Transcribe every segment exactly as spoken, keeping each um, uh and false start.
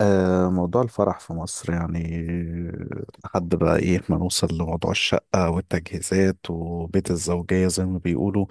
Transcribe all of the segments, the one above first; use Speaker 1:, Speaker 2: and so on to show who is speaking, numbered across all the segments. Speaker 1: آه، موضوع الفرح في مصر يعني لحد بقى ايه ما نوصل لموضوع الشقة والتجهيزات وبيت الزوجية زي ما بيقولوا.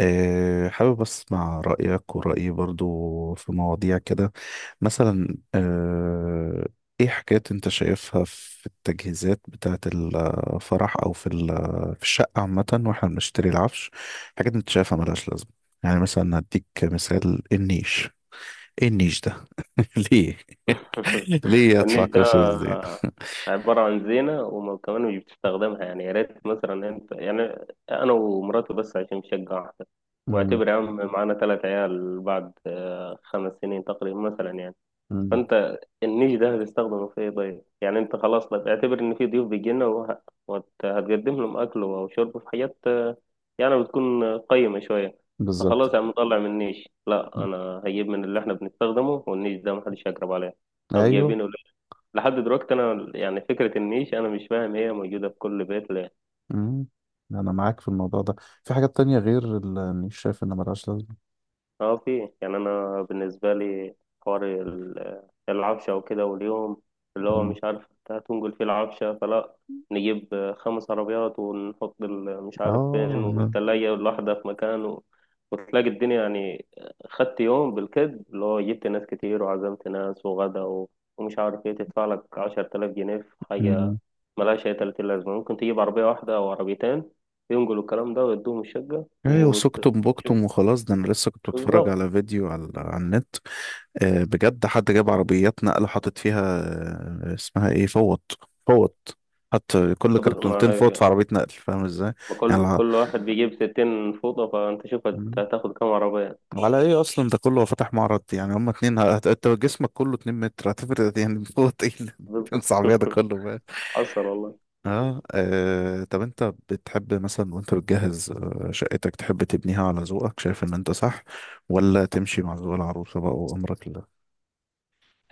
Speaker 1: آه، حابب اسمع رأيك ورأيي برضو في مواضيع كده. مثلا آه، ايه حاجات انت شايفها في التجهيزات بتاعة الفرح او في ال- في الشقة عامة واحنا بنشتري العفش. حاجات انت شايفها ملهاش لازمة، يعني مثلا هديك مثال النيش. ايه النيش ده؟ ليه؟ ليه ادفع
Speaker 2: النيش ده
Speaker 1: قصص دي؟
Speaker 2: عبارة عن زينة، وكمان مش بتستخدمها. يعني يا ريت مثلا انت يعني انا ومراتي بس، عشان شقة واحدة.
Speaker 1: مم.
Speaker 2: واعتبر يا عم معانا ثلاث عيال بعد آه، خمس سنين تقريبا مثلا يعني.
Speaker 1: مم.
Speaker 2: فانت النيش ده هتستخدمه في ايه؟ طيب يعني انت خلاص، لا اعتبر ان في ضيوف بيجينا وه- وهتقدم لهم اكل وشرب في حاجات آه، يعني بتكون قيمة شوية.
Speaker 1: بالظبط.
Speaker 2: فخلاص يا عم طلع من النيش، لا
Speaker 1: مم.
Speaker 2: انا هجيب من اللي احنا بنستخدمه، والنيش ده محدش هيقرب عليه او
Speaker 1: ايوه.
Speaker 2: جايبينه لحد دلوقتي. انا يعني فكره النيش انا مش فاهم، هي موجوده في كل بيت.
Speaker 1: مم. انا معاك في الموضوع ده. في حاجات تانية غير اللي شايف ان ملهاش لازمة؟
Speaker 2: اه في، يعني انا بالنسبه لي حوار ال- العفشه وكده، واليوم اللي هو
Speaker 1: مم.
Speaker 2: مش عارف انت هتنقل فيه العفشه فلا. نجيب خمس عربيات ونحط ال- مش عارف فين،
Speaker 1: اه. مم.
Speaker 2: والتلاجة الواحدة في مكان و... وتلاقي الدنيا يعني خدت يوم بالكد، اللي هو جبت ناس كتير وعزمت ناس وغدا و... ومش عارف ايه، تدفع لك عشرة آلاف جنيه في حاجة
Speaker 1: مم.
Speaker 2: ملهاش أي تلاتين لازمة. ممكن تجيب عربية واحدة أو عربيتين ينقلوا الكلام ده ويدوهم الشقة
Speaker 1: ايوه،
Speaker 2: وت...
Speaker 1: سكتم بوكتم وخلاص. ده انا لسه كنت بتفرج
Speaker 2: بالظبط.
Speaker 1: على فيديو على, على النت. آه بجد حد جاب عربيات نقل وحاطط فيها. آه اسمها ايه؟ فوط. فوط. حط كل
Speaker 2: خبز
Speaker 1: كرتونتين
Speaker 2: ما
Speaker 1: فوط في عربية نقل، فاهم ازاي؟
Speaker 2: ما
Speaker 1: يعني
Speaker 2: كل
Speaker 1: الع-
Speaker 2: كل واحد بيجيب ستين فوطة، فأنت شوف هت-
Speaker 1: مم.
Speaker 2: هتاخد كام عربية؟
Speaker 1: على ايه اصلا ده كله؟ هو فاتح معرض؟ يعني هما اتنين هت- انت جسمك كله اتنين متر، هتفرق يعني فوق ايه؟
Speaker 2: بالظبط
Speaker 1: صعبية ده كله بقى.
Speaker 2: حصل والله.
Speaker 1: اه. آه، طب انت بتحب مثلا وانت بتجهز آه، شقتك، تحب تبنيها على ذوقك شايف ان انت صح، ولا تمشي مع ذوق العروسة بقى وامرك لله؟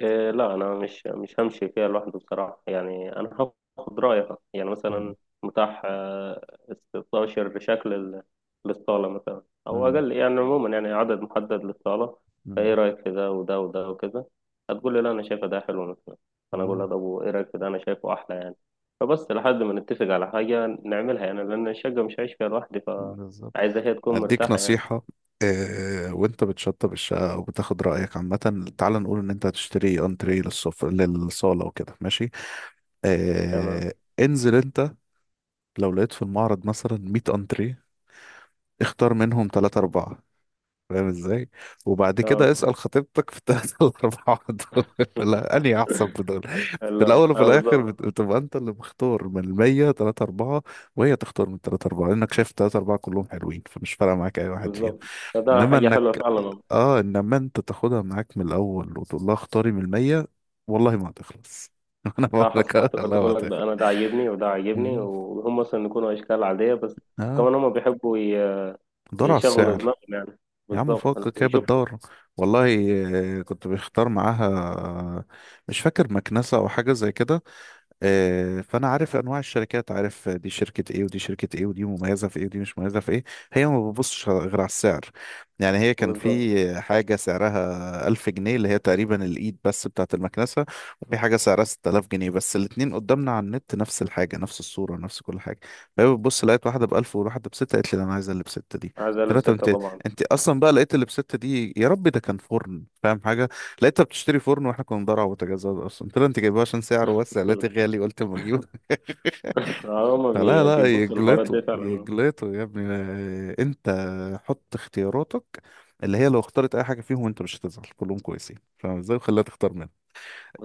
Speaker 2: إيه لا انا مش مش همشي فيها لوحده بصراحه. يعني انا هاخد رايها، يعني
Speaker 1: مم،
Speaker 2: مثلا متاح آه، ستاشر شكل ال- للصاله، مثلا او
Speaker 1: مم،
Speaker 2: اقل يعني، عموما يعني عدد محدد للصاله.
Speaker 1: مم،
Speaker 2: فايه رايك في ده وده وده وكذا؟ هتقول لي لا انا شايفه ده حلو مثلا، انا اقول
Speaker 1: مم،
Speaker 2: لها طب وايه رايك في ده؟ انا شايفه احلى يعني. فبس لحد ما نتفق على حاجه نعملها يعني، لان الشقه مش هعيش فيها لوحدي،
Speaker 1: بالظبط.
Speaker 2: فعايزه هي تكون
Speaker 1: اديك
Speaker 2: مرتاحه يعني.
Speaker 1: نصيحة. آه، وانت بتشطب الشقة وبتاخد رأيك عامة، تعال نقول ان انت هتشتري انتريه للصف للصالة وكده ماشي.
Speaker 2: تمام.
Speaker 1: آه انزل انت لو لقيت في المعرض مثلا مية انتريه، اختار منهم ثلاثة أربعة، فاهم ازاي؟ وبعد كده
Speaker 2: اه
Speaker 1: اسأل خطيبتك في الثلاثة الأربعة دول، لا أنهي أحسن في دول. في الأول
Speaker 2: لا،
Speaker 1: وفي
Speaker 2: اه
Speaker 1: الآخر
Speaker 2: بالظبط.
Speaker 1: بت- بتبقى أنت اللي مختار من المية تلاتة أربعة، وهي تختار من التلاتة أربعة، لأنك شايف التلاتة أربعة كلهم حلوين فمش فارقة معاك أي واحد فيهم.
Speaker 2: بالظبط، فده
Speaker 1: إنما
Speaker 2: حاجه حلوه
Speaker 1: إنك
Speaker 2: فعلا.
Speaker 1: آه إنما أنت تاخدها معاك من الأول وتقول لها اختاري من المية، والله ما هتخلص. أنا بقول
Speaker 2: اه
Speaker 1: لك
Speaker 2: حصل
Speaker 1: آه،
Speaker 2: اعتبرت،
Speaker 1: والله ما
Speaker 2: بقول لك
Speaker 1: هتخلص.
Speaker 2: ده انا ده عاجبني وده عاجبني،
Speaker 1: مم.
Speaker 2: وهم مثلا يكونوا اشكال عاديه بس
Speaker 1: آه.
Speaker 2: كمان هم بيحبوا ي-
Speaker 1: دور على
Speaker 2: يشغلوا
Speaker 1: السعر.
Speaker 2: دماغهم يعني.
Speaker 1: يا عم
Speaker 2: بالظبط
Speaker 1: فكك هي
Speaker 2: ويشوفوا.
Speaker 1: بتدور، والله. آه، كنت بختار معاها آه، مش فاكر مكنسة أو حاجة زي كده. آه، فانا عارف انواع الشركات، عارف دي شركه ايه ودي شركه ايه ودي مميزه في ايه ودي مش مميزه في ايه، هي ما بتبصش غير على السعر. يعني هي كان
Speaker 2: بالظبط،
Speaker 1: في حاجه سعرها ألف جنيه، اللي هي تقريبا الايد بس بتاعه المكنسه، وفي حاجه سعرها ستة آلاف جنيه بس، الاتنين قدامنا على النت نفس الحاجه نفس الصوره نفس كل حاجه. فهي بتبص، لقيت واحده ب ألف وواحده ب ستة، قالت لي لا، انا عايزه اللي ب ستة دي.
Speaker 2: عايز
Speaker 1: قلت
Speaker 2: اقلب
Speaker 1: لها طب
Speaker 2: سته
Speaker 1: انت،
Speaker 2: طبعا.
Speaker 1: انت اصلا بقى لقيت اللي ب ستة دي؟ يا رب. ده كان فرن فاهم حاجه، لقيتها بتشتري فرن واحنا كنا بندور على بوتاجازات اصلا. قلت لها انت جايبها عشان سعره بس؟ قالت لي غالي، قلت اما اجيبه.
Speaker 2: اه هم
Speaker 1: فلا
Speaker 2: بي-
Speaker 1: لا،
Speaker 2: بيبصوا للحوارات
Speaker 1: يجلطوا
Speaker 2: دي فعلا.
Speaker 1: يجلطوا يا ابني. آه، انت حط اختياراتك اللي هي لو اختارت اي حاجه فيهم انت مش هتزعل، كلهم كويسين فاهم ازاي؟ وخليها تختار منها.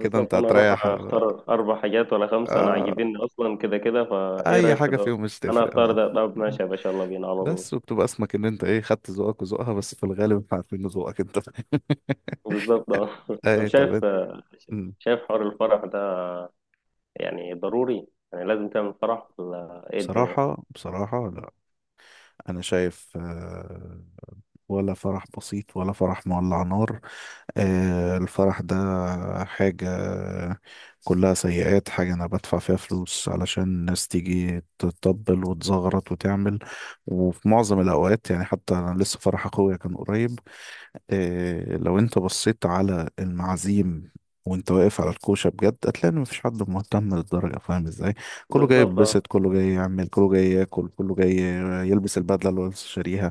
Speaker 1: كده انت
Speaker 2: انا
Speaker 1: هتريح.
Speaker 2: اروح اختار اربع حاجات ولا خمسه انا
Speaker 1: آه.
Speaker 2: عاجبيني اصلا كده كده، فايه
Speaker 1: اي
Speaker 2: رايك في
Speaker 1: حاجه
Speaker 2: ده؟
Speaker 1: فيهم مش
Speaker 2: انا
Speaker 1: تفرق.
Speaker 2: هختار
Speaker 1: اه.
Speaker 2: ده، طب ماشي يا باشا، يلا بينا على طول.
Speaker 1: بس وبتبقى اسمك ان انت ايه خدت ذوقك وذوقها، بس في الغالب احنا عارفين ذوقك انت.
Speaker 2: بالظبط اه طب
Speaker 1: ايه طب
Speaker 2: شايف
Speaker 1: انت- مم.
Speaker 2: شايف حوار الفرح ده، يعني ضروري؟ يعني لازم تعمل فرح ولا ايه الدنيا؟
Speaker 1: بصراحة بصراحة لا. أنا شايف آه، ولا فرح بسيط ولا فرح مولع نار. آه الفرح ده حاجة كلها سيئات، حاجة أنا بدفع فيها فلوس علشان الناس تيجي تطبل وتزغرط وتعمل. وفي معظم الأوقات يعني حتى أنا لسه فرح أخويا كان قريب. إيه، لو انت بصيت على المعازيم وانت واقف على الكوشة بجد هتلاقي ان مفيش حد مهتم للدرجة، فاهم ازاي؟ كله جاي
Speaker 2: بالظبط اه.
Speaker 1: يتبسط، كله جاي يعمل، كله جاي ياكل، كله جاي يلبس البدلة اللي هو لسه شاريها.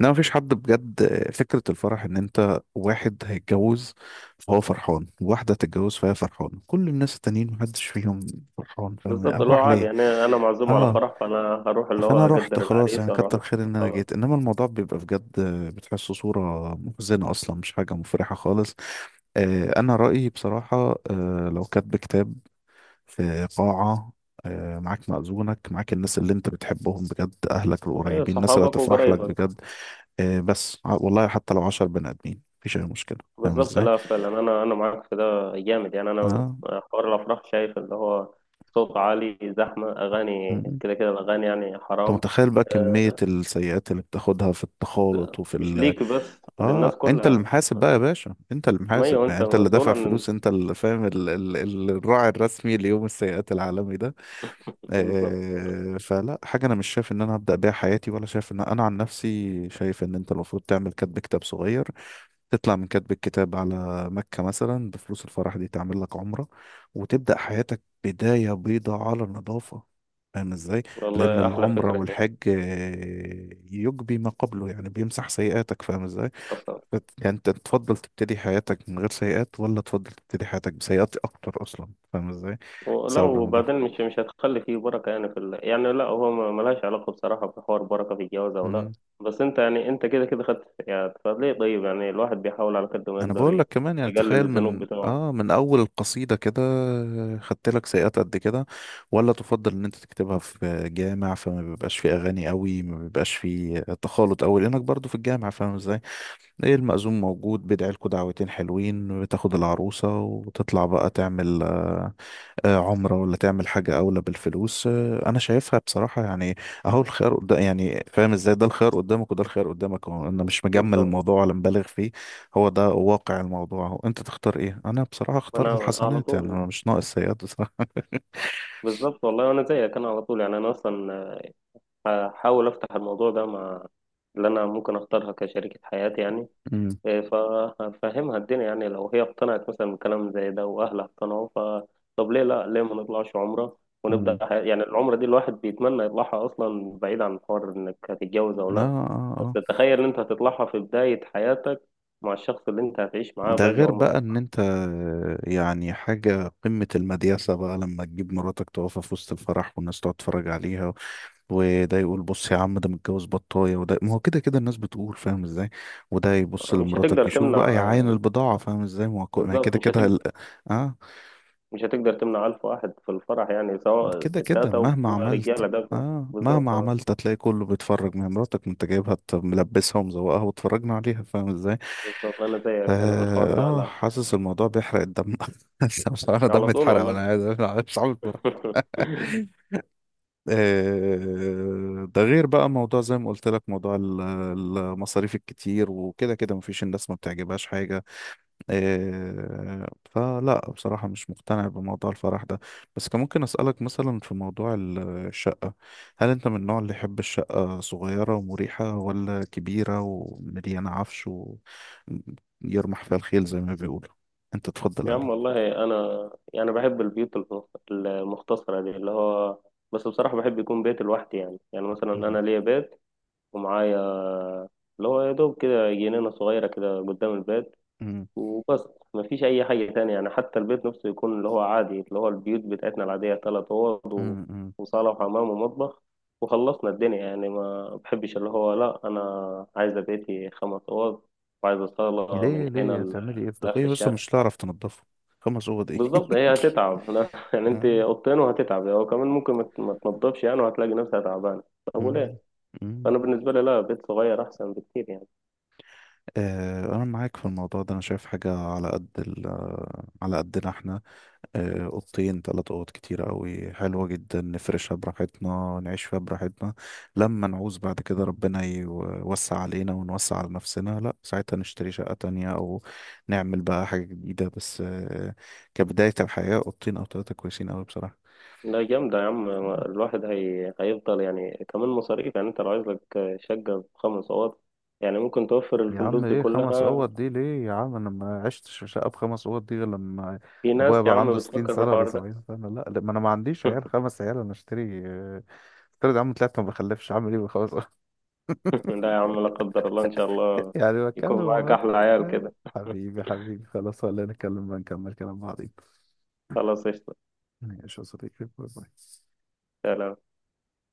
Speaker 1: انما مفيش حد بجد. آه، فكرة الفرح ان انت واحد هيتجوز فهو فرحان، واحدة هتتجوز فهي فرحانة، كل الناس التانيين محدش فيهم فرحان، فاهم
Speaker 2: بالظبط اللي هو
Speaker 1: افرح
Speaker 2: عادي
Speaker 1: ليه؟
Speaker 2: يعني، انا معزوم على
Speaker 1: اه.
Speaker 2: فرح فانا هروح اللي
Speaker 1: فانا
Speaker 2: هو
Speaker 1: رحت
Speaker 2: اقدر
Speaker 1: خلاص،
Speaker 2: العريس
Speaker 1: يعني
Speaker 2: واروح
Speaker 1: كتر
Speaker 2: له.
Speaker 1: خير ان انا
Speaker 2: خلاص.
Speaker 1: جيت، انما الموضوع بيبقى بجد بتحسه صورة محزنة اصلا، مش حاجة مفرحة خالص. آه، انا رأيي بصراحة، آه، لو كاتب كتاب في قاعة، آه، معاك مأذونك، معاك الناس اللي انت بتحبهم بجد، اهلك
Speaker 2: ايوه
Speaker 1: القريبين، الناس اللي
Speaker 2: صحابك
Speaker 1: هتفرح لك
Speaker 2: وقرايبك.
Speaker 1: بجد. آه، بس ع- والله حتى لو عشر بني ادمين مفيش اي مشكلة، فاهم
Speaker 2: بالظبط،
Speaker 1: ازاي؟
Speaker 2: لا فعلا انا، انا معاك في ده. جامد يعني انا
Speaker 1: اه.
Speaker 2: حوار الافراح، شايف اللي هو صوت عالي، زحمه،
Speaker 1: م-
Speaker 2: اغاني
Speaker 1: م.
Speaker 2: كده كده، الاغاني يعني
Speaker 1: انت
Speaker 2: حرام.
Speaker 1: متخيل بقى كمية
Speaker 2: آه،
Speaker 1: السيئات اللي بتاخدها في التخالط
Speaker 2: مش
Speaker 1: وفي؟
Speaker 2: ليك بس،
Speaker 1: اه.
Speaker 2: للناس
Speaker 1: انت اللي
Speaker 2: كلها.
Speaker 1: محاسب بقى يا باشا، انت اللي
Speaker 2: ما هو
Speaker 1: محاسب يعني،
Speaker 2: انت
Speaker 1: انت اللي
Speaker 2: مسؤول
Speaker 1: دافع
Speaker 2: عن.
Speaker 1: فلوس، انت اللي فاهم ال... ال... ال- الراعي الرسمي ليوم السيئات العالمي ده.
Speaker 2: بالظبط
Speaker 1: آه فلا حاجه. انا مش شايف ان انا هبدا بيها حياتي، ولا شايف ان انا، عن نفسي شايف ان انت المفروض تعمل كاتب كتاب صغير، تطلع من كاتب الكتاب على مكه مثلا بفلوس الفرح دي تعمل لك عمره، وتبدا حياتك بدايه بيضاء على النظافه، فاهم ازاي؟ لأن
Speaker 2: والله، احلى
Speaker 1: العمرة
Speaker 2: فكره دي.
Speaker 1: والحج آه، يجبي ما قبله، يعني بيمسح سيئاتك، فاهم ازاي؟
Speaker 2: أصلاً.
Speaker 1: بت- يعني انت تفضل تبتدي حياتك من غير سيئات، ولا تفضل تبتدي حياتك بسيئات اكتر اصلا، فاهم ازاي؟
Speaker 2: لا
Speaker 1: صعب الموضوع.
Speaker 2: وبعدين مش مش هتخلي فيه بركة. يعني في ال... يعني لا، هو ما- ملهاش علاقة بصراحة بحوار بركة في الجواز أو لا.
Speaker 1: مم.
Speaker 2: بس أنت يعني أنت كده كده خدت يعني، فليه طيب؟ يعني الواحد بيحاول على قد ما
Speaker 1: انا
Speaker 2: يقدر
Speaker 1: بقول لك
Speaker 2: ي-
Speaker 1: كمان، يعني
Speaker 2: يقلل
Speaker 1: تخيل
Speaker 2: الذنوب
Speaker 1: من
Speaker 2: بتاعه.
Speaker 1: اه من اول القصيدة كده خدت لك سيئات قد كده، ولا تفضل ان انت تكتبها في جامع فما بيبقاش فيه اغاني قوي، ما بيبقاش فيه تخالط قوي لانك برضو في الجامع، فاهم ازاي؟ ايه، المأذون موجود بيدعي لكوا دعوتين حلوين، بتاخد العروسة وتطلع بقى تعمل آه، عمرة، ولا تعمل حاجة أولى بالفلوس. آه، أنا شايفها بصراحة يعني. أهو الخيار قدام يعني، فاهم إزاي؟ ده الخيار قدامك وده الخيار قدامك، هو أنا مش مجمل
Speaker 2: بالظبط.
Speaker 1: الموضوع ولا مبالغ فيه، هو ده واقع الموضوع. هو أنت تختار إيه؟ أنا بصراحة أختار
Speaker 2: أنا على
Speaker 1: الحسنات، يعني
Speaker 2: طول.
Speaker 1: أنا مش ناقص سيئات بصراحة.
Speaker 2: بالظبط والله، أنا زيك. أنا على طول يعني، أنا أصلا هحاول أفتح الموضوع ده مع اللي أنا ممكن أختارها كشريكة حياتي يعني.
Speaker 1: امم.
Speaker 2: فهفهمها الدنيا يعني، لو هي اقتنعت مثلا بكلام زي ده واهلها اقتنعوا، ف طب ليه لا، ليه ما نطلعش عمره
Speaker 1: امم.
Speaker 2: ونبدا ح... يعني العمره دي الواحد بيتمنى يطلعها اصلا، بعيد عن حوار انك هتتجوز او
Speaker 1: آه.
Speaker 2: لا.
Speaker 1: آه.
Speaker 2: بس
Speaker 1: آه.
Speaker 2: تخيل ان انت هتطلعها في بدايه حياتك مع الشخص اللي انت هتعيش معاه
Speaker 1: ده
Speaker 2: باقي
Speaker 1: غير
Speaker 2: عمرك.
Speaker 1: بقى ان انت، يعني حاجة قمة المدياسة بقى لما تجيب مراتك تقفها في وسط الفرح والناس تقعد تتفرج عليها، وده يقول بص يا عم ده متجوز بطاية، وده ما هو كده كده الناس بتقول، فاهم ازاي؟ وده يبص
Speaker 2: مش
Speaker 1: لمراتك
Speaker 2: هتقدر
Speaker 1: يشوف بقى
Speaker 2: تمنع.
Speaker 1: يعاين البضاعة، فاهم ازاي؟ ما هو كو- ما هي
Speaker 2: بالظبط
Speaker 1: كده
Speaker 2: مش
Speaker 1: كده
Speaker 2: هتقدر.
Speaker 1: ال- اه.
Speaker 2: مش هتقدر تمنع ألف واحد في الفرح، يعني سواء
Speaker 1: كده كده
Speaker 2: ستات أو
Speaker 1: مهما عملت.
Speaker 2: رجالة ده.
Speaker 1: اه، مهما
Speaker 2: بالظبط اه.
Speaker 1: عملت هتلاقي كله بيتفرج، ما هي مراتك ما انت جايبها ت- ملبسها ومزوقها وتفرجنا عليها، فاهم ازاي؟
Speaker 2: بالظبط أنا زيك، أنا في الحوار
Speaker 1: اه.
Speaker 2: ده
Speaker 1: آه،
Speaker 2: لا.
Speaker 1: حاسس الموضوع بيحرق الدم. بس مش عارف دم
Speaker 2: على طول
Speaker 1: اتحرق، ولا
Speaker 2: والله
Speaker 1: عايز مش عارف اتفرج. آه، ده غير بقى موضوع زي ما قلت لك، موضوع ال- المصاريف الكتير، وكده كده مفيش الناس ما بتعجبهاش حاجة. إيه فلا بصراحة مش مقتنع بموضوع الفرح ده. بس كان ممكن أسألك مثلا في موضوع ال- الشقة، هل أنت من النوع اللي يحب الشقة صغيرة ومريحة ولا كبيرة ومليانة عفش ويرمح فيها الخيل زي ما بيقولوا؟ أنت تفضل
Speaker 2: يا عم
Speaker 1: أنهي؟
Speaker 2: والله انا يعني بحب البيوت المخ- المختصره دي، اللي هو بس بصراحه بحب يكون بيت لوحدي يعني. يعني مثلا
Speaker 1: مم.
Speaker 2: انا ليا بيت ومعايا اللي هو يا دوب كده جنينه صغيره كده قدام البيت
Speaker 1: مم.
Speaker 2: وبس. ما فيش اي حاجه تانية يعني. حتى البيت نفسه يكون اللي هو عادي، اللي هو البيوت بتاعتنا العاديه: ثلاث اوض
Speaker 1: مم. مم.
Speaker 2: وصاله وحمام ومطبخ، وخلصنا الدنيا يعني. ما بحبش اللي هو لا انا عايزه بيتي خمس اوض، وعايزه صاله من
Speaker 1: ليه؟
Speaker 2: هنا
Speaker 1: ليه
Speaker 2: ل-
Speaker 1: هتعملي إيه في
Speaker 2: لاخر
Speaker 1: دقيقة؟ بس
Speaker 2: الشارع.
Speaker 1: مش هتعرف تنضفه. خمس أوض إيه؟
Speaker 2: بالظبط هي هتتعب لا يعني انت
Speaker 1: آه.
Speaker 2: اوضتين وهتتعب، هو كمان ممكن ما ت- ما تنضفش يعني، وهتلاقي نفسها تعبانه. طب
Speaker 1: مم.
Speaker 2: وليه؟
Speaker 1: مم.
Speaker 2: انا بالنسبه لي لا، بيت صغير احسن بكتير يعني.
Speaker 1: آه، أنا معاك في الموضوع ده، أنا شايف حاجة على قد ال على قدنا إحنا. آه، أوضتين تلات أوض كتيرة أوي، حلوة جدا، نفرشها براحتنا، نعيش فيها براحتنا. لما نعوز بعد كده ربنا يوسع علينا ونوسع على نفسنا، لأ ساعتها نشتري شقة تانية أو نعمل بقى حاجة جديدة. بس آه، كبداية الحياة أوضتين أو تلاتة كويسين أوي بصراحة.
Speaker 2: لا جامده يا عم. الواحد هي... هيفضل يعني كمان مصاريف، يعني انت لو عايز لك شقه بخمس اوض يعني، ممكن توفر
Speaker 1: يا
Speaker 2: الفلوس
Speaker 1: عم
Speaker 2: دي
Speaker 1: ايه خمس
Speaker 2: كلها.
Speaker 1: اوض دي ليه؟ يا عم انا ما عشتش في شقه بخمس اوض دي غير لما
Speaker 2: في
Speaker 1: ابويا
Speaker 2: ناس يا
Speaker 1: بقى عنده
Speaker 2: عم
Speaker 1: ستين
Speaker 2: بتفكر في
Speaker 1: سنه ولا
Speaker 2: الحوار ده
Speaker 1: سبعين سنه. لا لا، ما انا ما عنديش عيال خمس عيال انا اشتري. آه، افترض يا عم طلعت ما بخلفش، عامل ايه بخمس اوض؟
Speaker 2: لا يا عم، لا قدر الله، ان شاء الله
Speaker 1: يعني بتكلم
Speaker 2: يكون معاك
Speaker 1: عمال.
Speaker 2: احلى عيال
Speaker 1: آه،
Speaker 2: كده
Speaker 1: حبيبي حبيبي خلاص، ولا نتكلم بقى نكمل كلام بعضين.
Speaker 2: خلاص قشطه.
Speaker 1: ماشي يا صديقي، باي باي.
Speaker 2: سلام.